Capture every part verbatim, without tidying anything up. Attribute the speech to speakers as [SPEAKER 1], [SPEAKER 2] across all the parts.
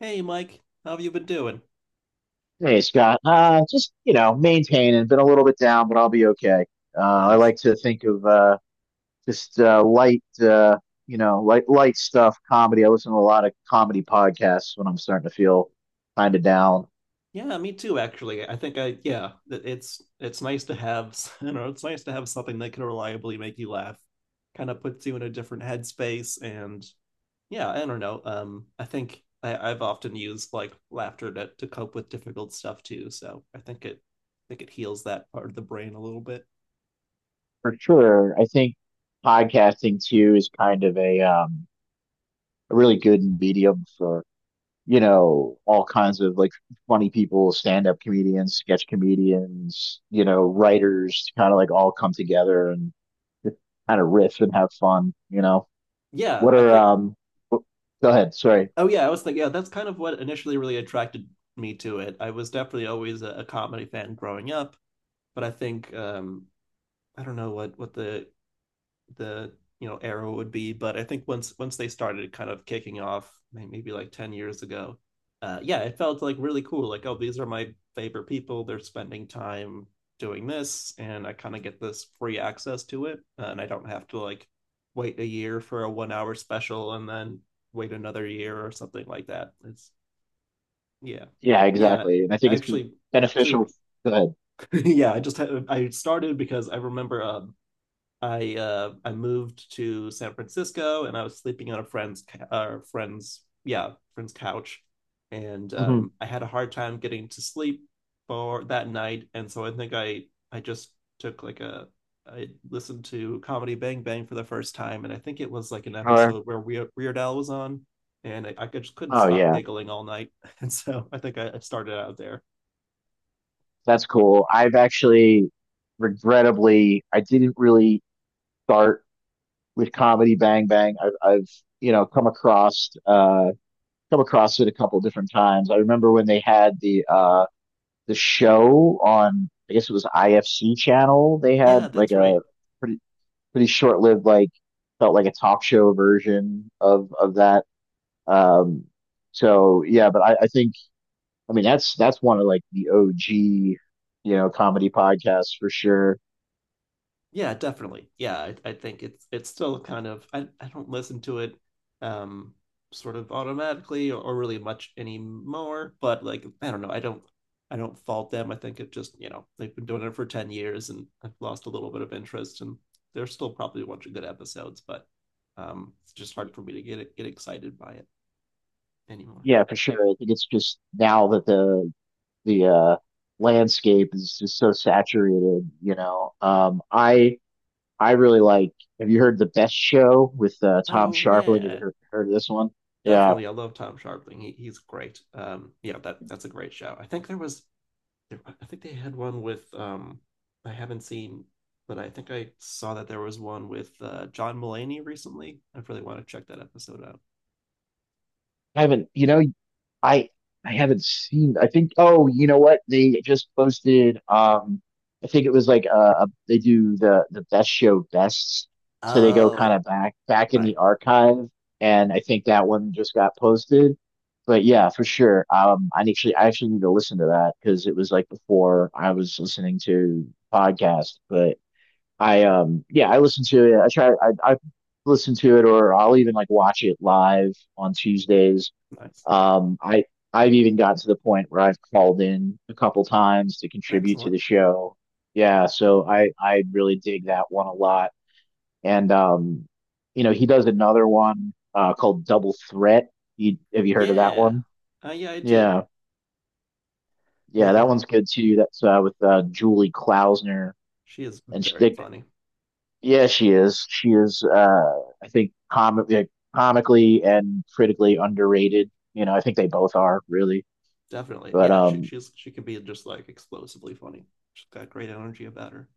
[SPEAKER 1] Hey, Mike, how have you been doing?
[SPEAKER 2] Hey, Scott. Uh, just, you know, maintaining, been a little bit down, but I'll be okay. Uh, I
[SPEAKER 1] Nice.
[SPEAKER 2] like to think of uh, just uh, light, uh, you know, light, light stuff, comedy. I listen to a lot of comedy podcasts when I'm starting to feel kind of down.
[SPEAKER 1] Yeah, me too, actually. I think I, yeah, th- it's it's nice to have, you know, it's nice to have something that can reliably make you laugh. Kind of puts you in a different headspace, and yeah, I don't know. Um, I think I, I've often used like laughter to to cope with difficult stuff too, so I think it, I think it heals that part of the brain a little bit.
[SPEAKER 2] For sure. I think podcasting too is kind of a, um, a really good medium for you know, all kinds of like funny people, stand up comedians, sketch comedians, you know, writers kind of like all come together and just kind of riff and have fun, you know.
[SPEAKER 1] Yeah,
[SPEAKER 2] What
[SPEAKER 1] I
[SPEAKER 2] are,
[SPEAKER 1] think.
[SPEAKER 2] um, w- go ahead. Sorry.
[SPEAKER 1] Oh yeah, I was thinking. Yeah, that's kind of what initially really attracted me to it. I was definitely always a, a comedy fan growing up, but I think um, I don't know what what the the you know era would be, but I think once once they started kind of kicking off, maybe like ten years ago. Uh, yeah, it felt like really cool. Like, oh, these are my favorite people. They're spending time doing this, and I kind of get this free access to it, and I don't have to like wait a year for a one hour special and then wait another year or something like that. It's yeah,
[SPEAKER 2] Yeah,
[SPEAKER 1] yeah.
[SPEAKER 2] exactly. And I think it's been
[SPEAKER 1] Actually, actually,
[SPEAKER 2] beneficial. Go ahead.
[SPEAKER 1] yeah. I just had, I started because I remember um, I uh, I moved to San Francisco and I was sleeping on a friend's uh, friend's yeah friend's couch, and um,
[SPEAKER 2] Hmm.
[SPEAKER 1] I had a hard time getting to sleep for that night, and so I think I I just took like a I listened to Comedy Bang Bang for the first time, and I think it was like an
[SPEAKER 2] Sure.
[SPEAKER 1] episode where Weird, Weird Al was on, and I, I could, just couldn't
[SPEAKER 2] Oh,
[SPEAKER 1] stop
[SPEAKER 2] yeah.
[SPEAKER 1] giggling all night. and so I think I, I started out there.
[SPEAKER 2] That's cool. I've actually, regrettably, I didn't really start with Comedy Bang Bang. I've, I've, you know, come across, uh, come across it a couple different times. I remember when they had the uh the show on, I guess it was I F C channel. They had
[SPEAKER 1] Yeah,
[SPEAKER 2] like
[SPEAKER 1] that's
[SPEAKER 2] a
[SPEAKER 1] right.
[SPEAKER 2] pretty pretty short lived, like felt like a talk show version of of that. Um, so yeah, but I, I think, I mean, that's that's one of like the O G, you know, comedy podcasts for sure.
[SPEAKER 1] Yeah, definitely. Yeah, I, I think it's it's still kind of, I, I don't listen to it um sort of automatically, or, or really much anymore, but like I don't know. I don't I don't fault them. I think it just, you know, they've been doing it for ten years, and I've lost a little bit of interest, and there's still probably a bunch of good episodes, but um it's just hard for me to get get excited by it anymore.
[SPEAKER 2] Yeah, for sure. I think it's just now that the the uh landscape is just so saturated, you know. Um I I really like. Have you heard the Best Show with uh, Tom
[SPEAKER 1] Oh
[SPEAKER 2] Sharpling? Have you
[SPEAKER 1] yeah,
[SPEAKER 2] heard, heard of this one? Yeah,
[SPEAKER 1] definitely. I love Tom Sharpling. He, he's great. Um yeah, that that's a great show. I think there was I think they had one with um I haven't seen, but I think I saw that there was one with uh, John Mulaney recently. I really want to check that episode out.
[SPEAKER 2] I haven't. You know, I I haven't seen. I think. Oh, you know what? They just posted. Um, I think it was like uh, a, they do the the Best Show bests, so they go kind
[SPEAKER 1] Oh,
[SPEAKER 2] of back back in
[SPEAKER 1] right.
[SPEAKER 2] the archive, and I think that one just got posted. But yeah, for sure. Um, I actually I actually need to listen to that because it was like before I was listening to podcasts, but. I um yeah, I listen to it. I try I I listen to it, or I'll even like watch it live on Tuesdays.
[SPEAKER 1] Nice.
[SPEAKER 2] Um I I've even gotten to the point where I've called in a couple times to contribute to
[SPEAKER 1] Excellent.
[SPEAKER 2] the show. Yeah, so I I really dig that one a lot. And um, you know, he does another one uh called Double Threat. You, have you heard of that
[SPEAKER 1] Yeah.
[SPEAKER 2] one?
[SPEAKER 1] Uh, yeah, I did.
[SPEAKER 2] Yeah.
[SPEAKER 1] Yeah,
[SPEAKER 2] Yeah,
[SPEAKER 1] I,
[SPEAKER 2] that one's good too. That's uh with uh Julie Klausner
[SPEAKER 1] she is
[SPEAKER 2] and she,
[SPEAKER 1] very
[SPEAKER 2] they,
[SPEAKER 1] funny.
[SPEAKER 2] yeah, she is. She is. Uh, I think com like, comically and critically underrated. You know, I think they both are really.
[SPEAKER 1] Definitely.
[SPEAKER 2] But
[SPEAKER 1] Yeah, she
[SPEAKER 2] um,
[SPEAKER 1] she's she can be just like explosively funny. She's got great energy about her.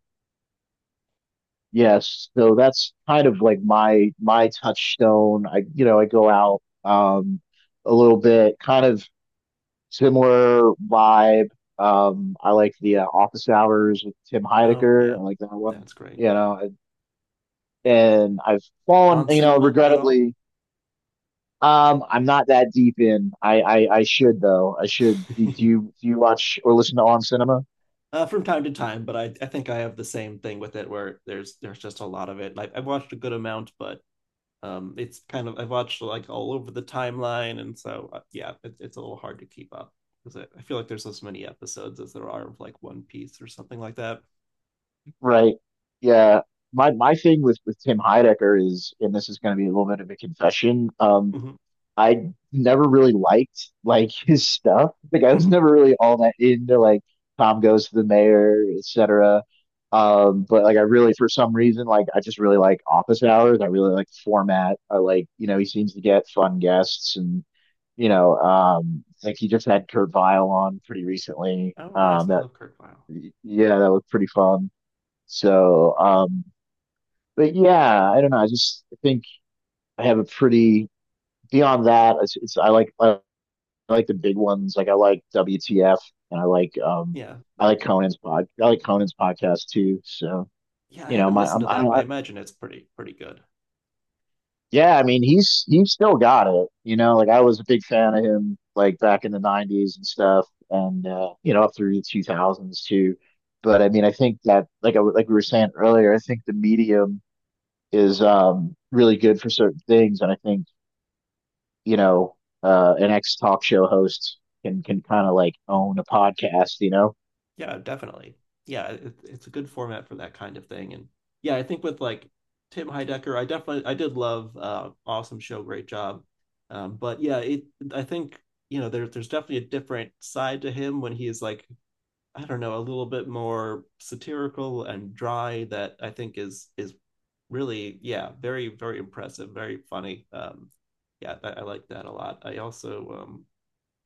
[SPEAKER 2] yes. So that's kind of like my my touchstone. I, you know, I go out um a little bit, kind of similar vibe. Um, I like the uh, Office Hours with Tim
[SPEAKER 1] Oh
[SPEAKER 2] Heidecker.
[SPEAKER 1] yeah,
[SPEAKER 2] I like that one.
[SPEAKER 1] that's great.
[SPEAKER 2] You know, and I've fallen.
[SPEAKER 1] On
[SPEAKER 2] You know,
[SPEAKER 1] Cinema at all?
[SPEAKER 2] regrettably um, I'm not that deep in. I, I I should though. I should. Do you do you watch or listen to On Cinema?
[SPEAKER 1] Uh, from time to time, but I, I think I have the same thing with it where there's there's just a lot of it. Like I've watched a good amount, but um, it's kind of, I've watched like all over the timeline, and so uh, yeah, it, it's a little hard to keep up because I, I feel like there's as many episodes as there are of like One Piece or something like that.
[SPEAKER 2] Right. Yeah. My my thing with with Tim Heidecker is, and this is going to be a little bit of a confession. Um,
[SPEAKER 1] Hmm.
[SPEAKER 2] I never really liked like his stuff. Like I was
[SPEAKER 1] Hmm.
[SPEAKER 2] never really all that into like Tom Goes to the Mayor, et cetera. Um, but like I really for some reason like I just really like Office Hours. I really like the format. I like, you know, he seems to get fun guests and, you know, um, like he just had Kurt Vile on pretty recently.
[SPEAKER 1] Oh, nice!
[SPEAKER 2] Um,
[SPEAKER 1] I
[SPEAKER 2] that
[SPEAKER 1] love Kurt Vile.
[SPEAKER 2] yeah, that was pretty fun. So um, but yeah, I don't know. I just think I have a pretty, beyond that it's, it's I like I I like the big ones. Like I like W T F and I like um,
[SPEAKER 1] Yeah,
[SPEAKER 2] I like Conan's pod. I like Conan's podcast too. So
[SPEAKER 1] yeah. I
[SPEAKER 2] you know,
[SPEAKER 1] haven't
[SPEAKER 2] my
[SPEAKER 1] listened
[SPEAKER 2] I'm,
[SPEAKER 1] to
[SPEAKER 2] I
[SPEAKER 1] that,
[SPEAKER 2] don't.
[SPEAKER 1] but
[SPEAKER 2] I,
[SPEAKER 1] I imagine it's pretty pretty good.
[SPEAKER 2] yeah, I mean, he's he's still got it. You know, like I was a big fan of him like back in the nineties and stuff, and uh, you know, up through the two thousands too. But I mean, I think that like, I like we were saying earlier, I think the medium is um really good for certain things, and I think, you know, uh, an ex talk show host can can kind of like own a podcast. You know.
[SPEAKER 1] Yeah, definitely. Yeah, it, it's a good format for that kind of thing. And yeah, I think with like Tim Heidecker, I definitely I did love uh, awesome show, great job. Um, but yeah, it I think, you know, there's there's definitely a different side to him when he is like, I don't know, a little bit more satirical and dry, that I think is is really, yeah, very very impressive, very funny. Um, yeah, I, I like that a lot. I also, um,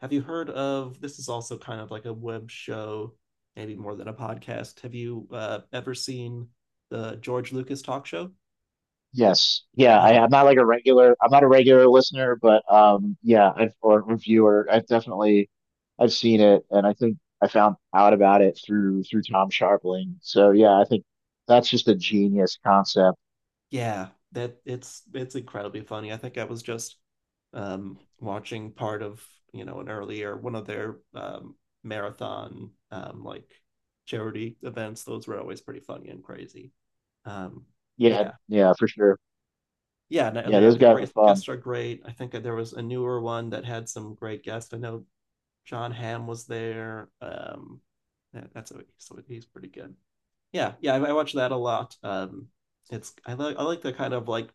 [SPEAKER 1] have you heard of this? Is also kind of like a web show, maybe more than a podcast. Have you uh, ever seen the George Lucas talk show?
[SPEAKER 2] Yes. Yeah, I, I'm
[SPEAKER 1] Ah,
[SPEAKER 2] not like a regular, I'm not a regular listener, but um, yeah, I've, or reviewer. I've definitely I've seen it, and I think I found out about it through through Tom Sharpling. So yeah, I think that's just a genius concept.
[SPEAKER 1] yeah, that it's it's incredibly funny. I think I was just um, watching part of, you know, an earlier one of their um, marathon um, like charity events. Those were always pretty funny and crazy. Um,
[SPEAKER 2] Yeah,
[SPEAKER 1] yeah,
[SPEAKER 2] yeah, for sure.
[SPEAKER 1] yeah, no,
[SPEAKER 2] Yeah,
[SPEAKER 1] yeah.
[SPEAKER 2] those
[SPEAKER 1] The
[SPEAKER 2] guys are
[SPEAKER 1] great
[SPEAKER 2] fun.
[SPEAKER 1] guests are great. I think that there was a newer one that had some great guests. I know John Hamm was there. Um, that's a, so he's pretty good. Yeah, yeah, I, I watch that a lot. Um, it's I like I like the kind of like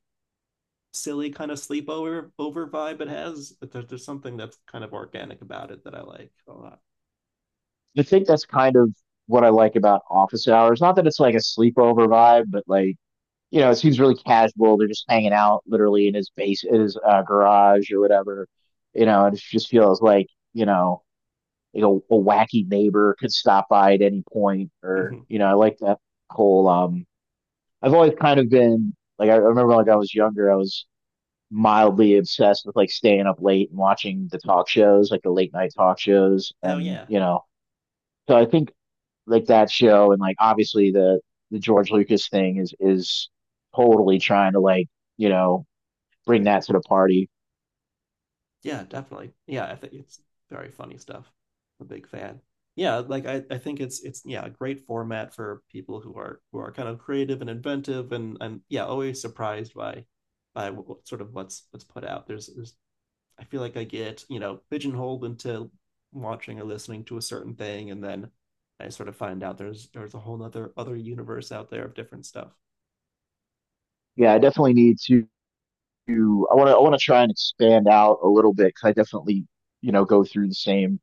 [SPEAKER 1] silly kind of sleepover over vibe it has. But there's there's something that's kind of organic about it that I like a lot.
[SPEAKER 2] I think that's kind of what I like about office hours. Not that it's like a sleepover vibe, but like, you know, it seems really casual. They're just hanging out literally in his base, in his uh, garage or whatever. You know, and it just feels like, you know, you know, a wacky neighbor could stop by at any point, or
[SPEAKER 1] Mhm.
[SPEAKER 2] you know, I like that whole. Um, I've always kind of been like, I remember like I was younger, I was mildly obsessed with like staying up late and watching the talk shows, like the late night talk shows,
[SPEAKER 1] Oh
[SPEAKER 2] and
[SPEAKER 1] yeah,
[SPEAKER 2] you know, so I think like that show and like obviously the the George Lucas thing is is totally trying to like, you know, bring that to the party.
[SPEAKER 1] yeah, definitely. Yeah, I think it's very funny stuff. I'm a big fan. Yeah, like I, I think it's it's yeah, a great format for people who are who are kind of creative and inventive, and and yeah, always surprised by by what, sort of what's what's put out. There's there's I feel like I get, you know, pigeonholed into watching or listening to a certain thing, and then I sort of find out there's there's a whole other other universe out there of different stuff.
[SPEAKER 2] Yeah, I definitely need to to I want to I want to try and expand out a little bit because I definitely, you know, go through the same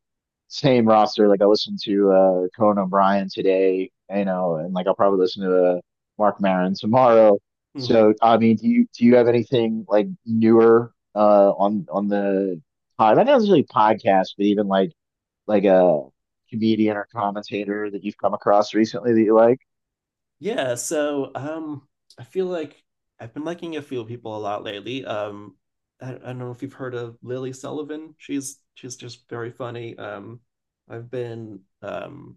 [SPEAKER 2] same roster. Like I listened to uh Conan O'Brien today, you know, and like I'll probably listen to uh, Mark Maron tomorrow.
[SPEAKER 1] Hmm.
[SPEAKER 2] So I mean, do you do you have anything like newer uh on on the pod? Not necessarily podcast, but even like like a comedian or commentator that you've come across recently that you like?
[SPEAKER 1] Yeah, so um, I feel like I've been liking a few people a lot lately. Um, I, I don't know if you've heard of Lily Sullivan. She's she's just very funny. Um, I've been um,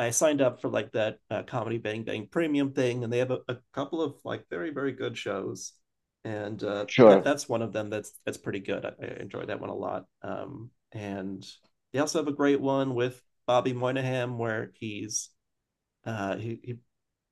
[SPEAKER 1] I signed up for like that uh, Comedy Bang Bang Premium thing, and they have a, a couple of like very very good shows, and uh, that
[SPEAKER 2] Sure.
[SPEAKER 1] that's one of them that's that's pretty good. I, I enjoy that one a lot. Um, and they also have a great one with Bobby Moynihan where he's uh, he, he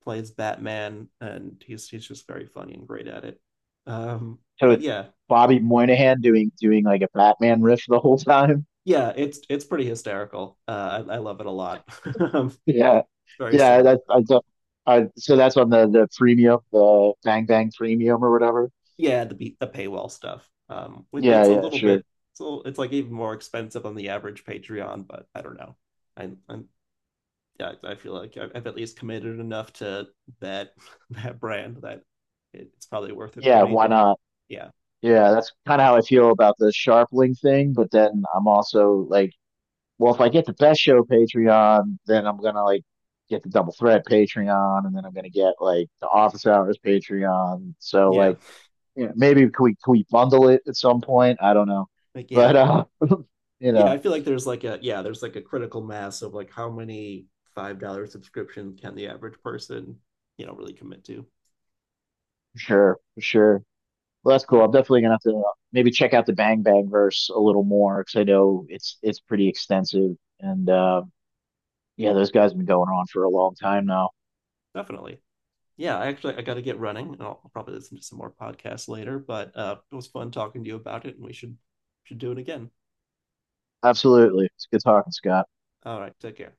[SPEAKER 1] plays Batman, and he's he's just very funny and great at it. Um,
[SPEAKER 2] So
[SPEAKER 1] but
[SPEAKER 2] it's
[SPEAKER 1] yeah,
[SPEAKER 2] Bobby Moynihan doing doing like a Batman riff the whole time.
[SPEAKER 1] yeah, it's it's pretty hysterical. Uh, I, I love it a lot.
[SPEAKER 2] Yeah,
[SPEAKER 1] It's very
[SPEAKER 2] yeah.
[SPEAKER 1] silly,
[SPEAKER 2] That's
[SPEAKER 1] very
[SPEAKER 2] I do
[SPEAKER 1] fun.
[SPEAKER 2] I so that's on the the premium, the Bang Bang premium or whatever.
[SPEAKER 1] Yeah, the be- the paywall stuff. Um, it-
[SPEAKER 2] Yeah,
[SPEAKER 1] it's a
[SPEAKER 2] yeah,
[SPEAKER 1] little
[SPEAKER 2] sure.
[SPEAKER 1] bit, so it's like even more expensive on the average Patreon, but I don't know. I, I'm yeah, I feel like I've at least committed enough to that that brand, that it's probably worth it for
[SPEAKER 2] Yeah,
[SPEAKER 1] me
[SPEAKER 2] why
[SPEAKER 1] to
[SPEAKER 2] not?
[SPEAKER 1] yeah.
[SPEAKER 2] Yeah, that's kind of how I feel about the Sharpling thing. But then I'm also like, well, if I get the Best Show Patreon, then I'm gonna like get the Double Threat Patreon, and then I'm gonna get like the Office Hours Patreon. So
[SPEAKER 1] Yeah,
[SPEAKER 2] like, yeah, maybe can we can we bundle it at some point? I don't know,
[SPEAKER 1] like
[SPEAKER 2] but
[SPEAKER 1] yeah.
[SPEAKER 2] uh, you
[SPEAKER 1] Yeah, I
[SPEAKER 2] know,
[SPEAKER 1] feel like there's like a yeah, there's like a critical mass of like how many five dollar subscription can the average person, you know, really commit to.
[SPEAKER 2] sure, sure. Well, that's
[SPEAKER 1] Yeah,
[SPEAKER 2] cool. I'm definitely gonna have to uh, maybe check out the Bang Bang verse a little more because I know it's it's pretty extensive. And uh, yeah, those guys have been going on for a long time now.
[SPEAKER 1] definitely. Yeah, I actually I got to get running, and I'll probably listen to some more podcasts later, but uh, it was fun talking to you about it, and we should should do it again.
[SPEAKER 2] Absolutely. It's good talking, Scott.
[SPEAKER 1] All right, take care.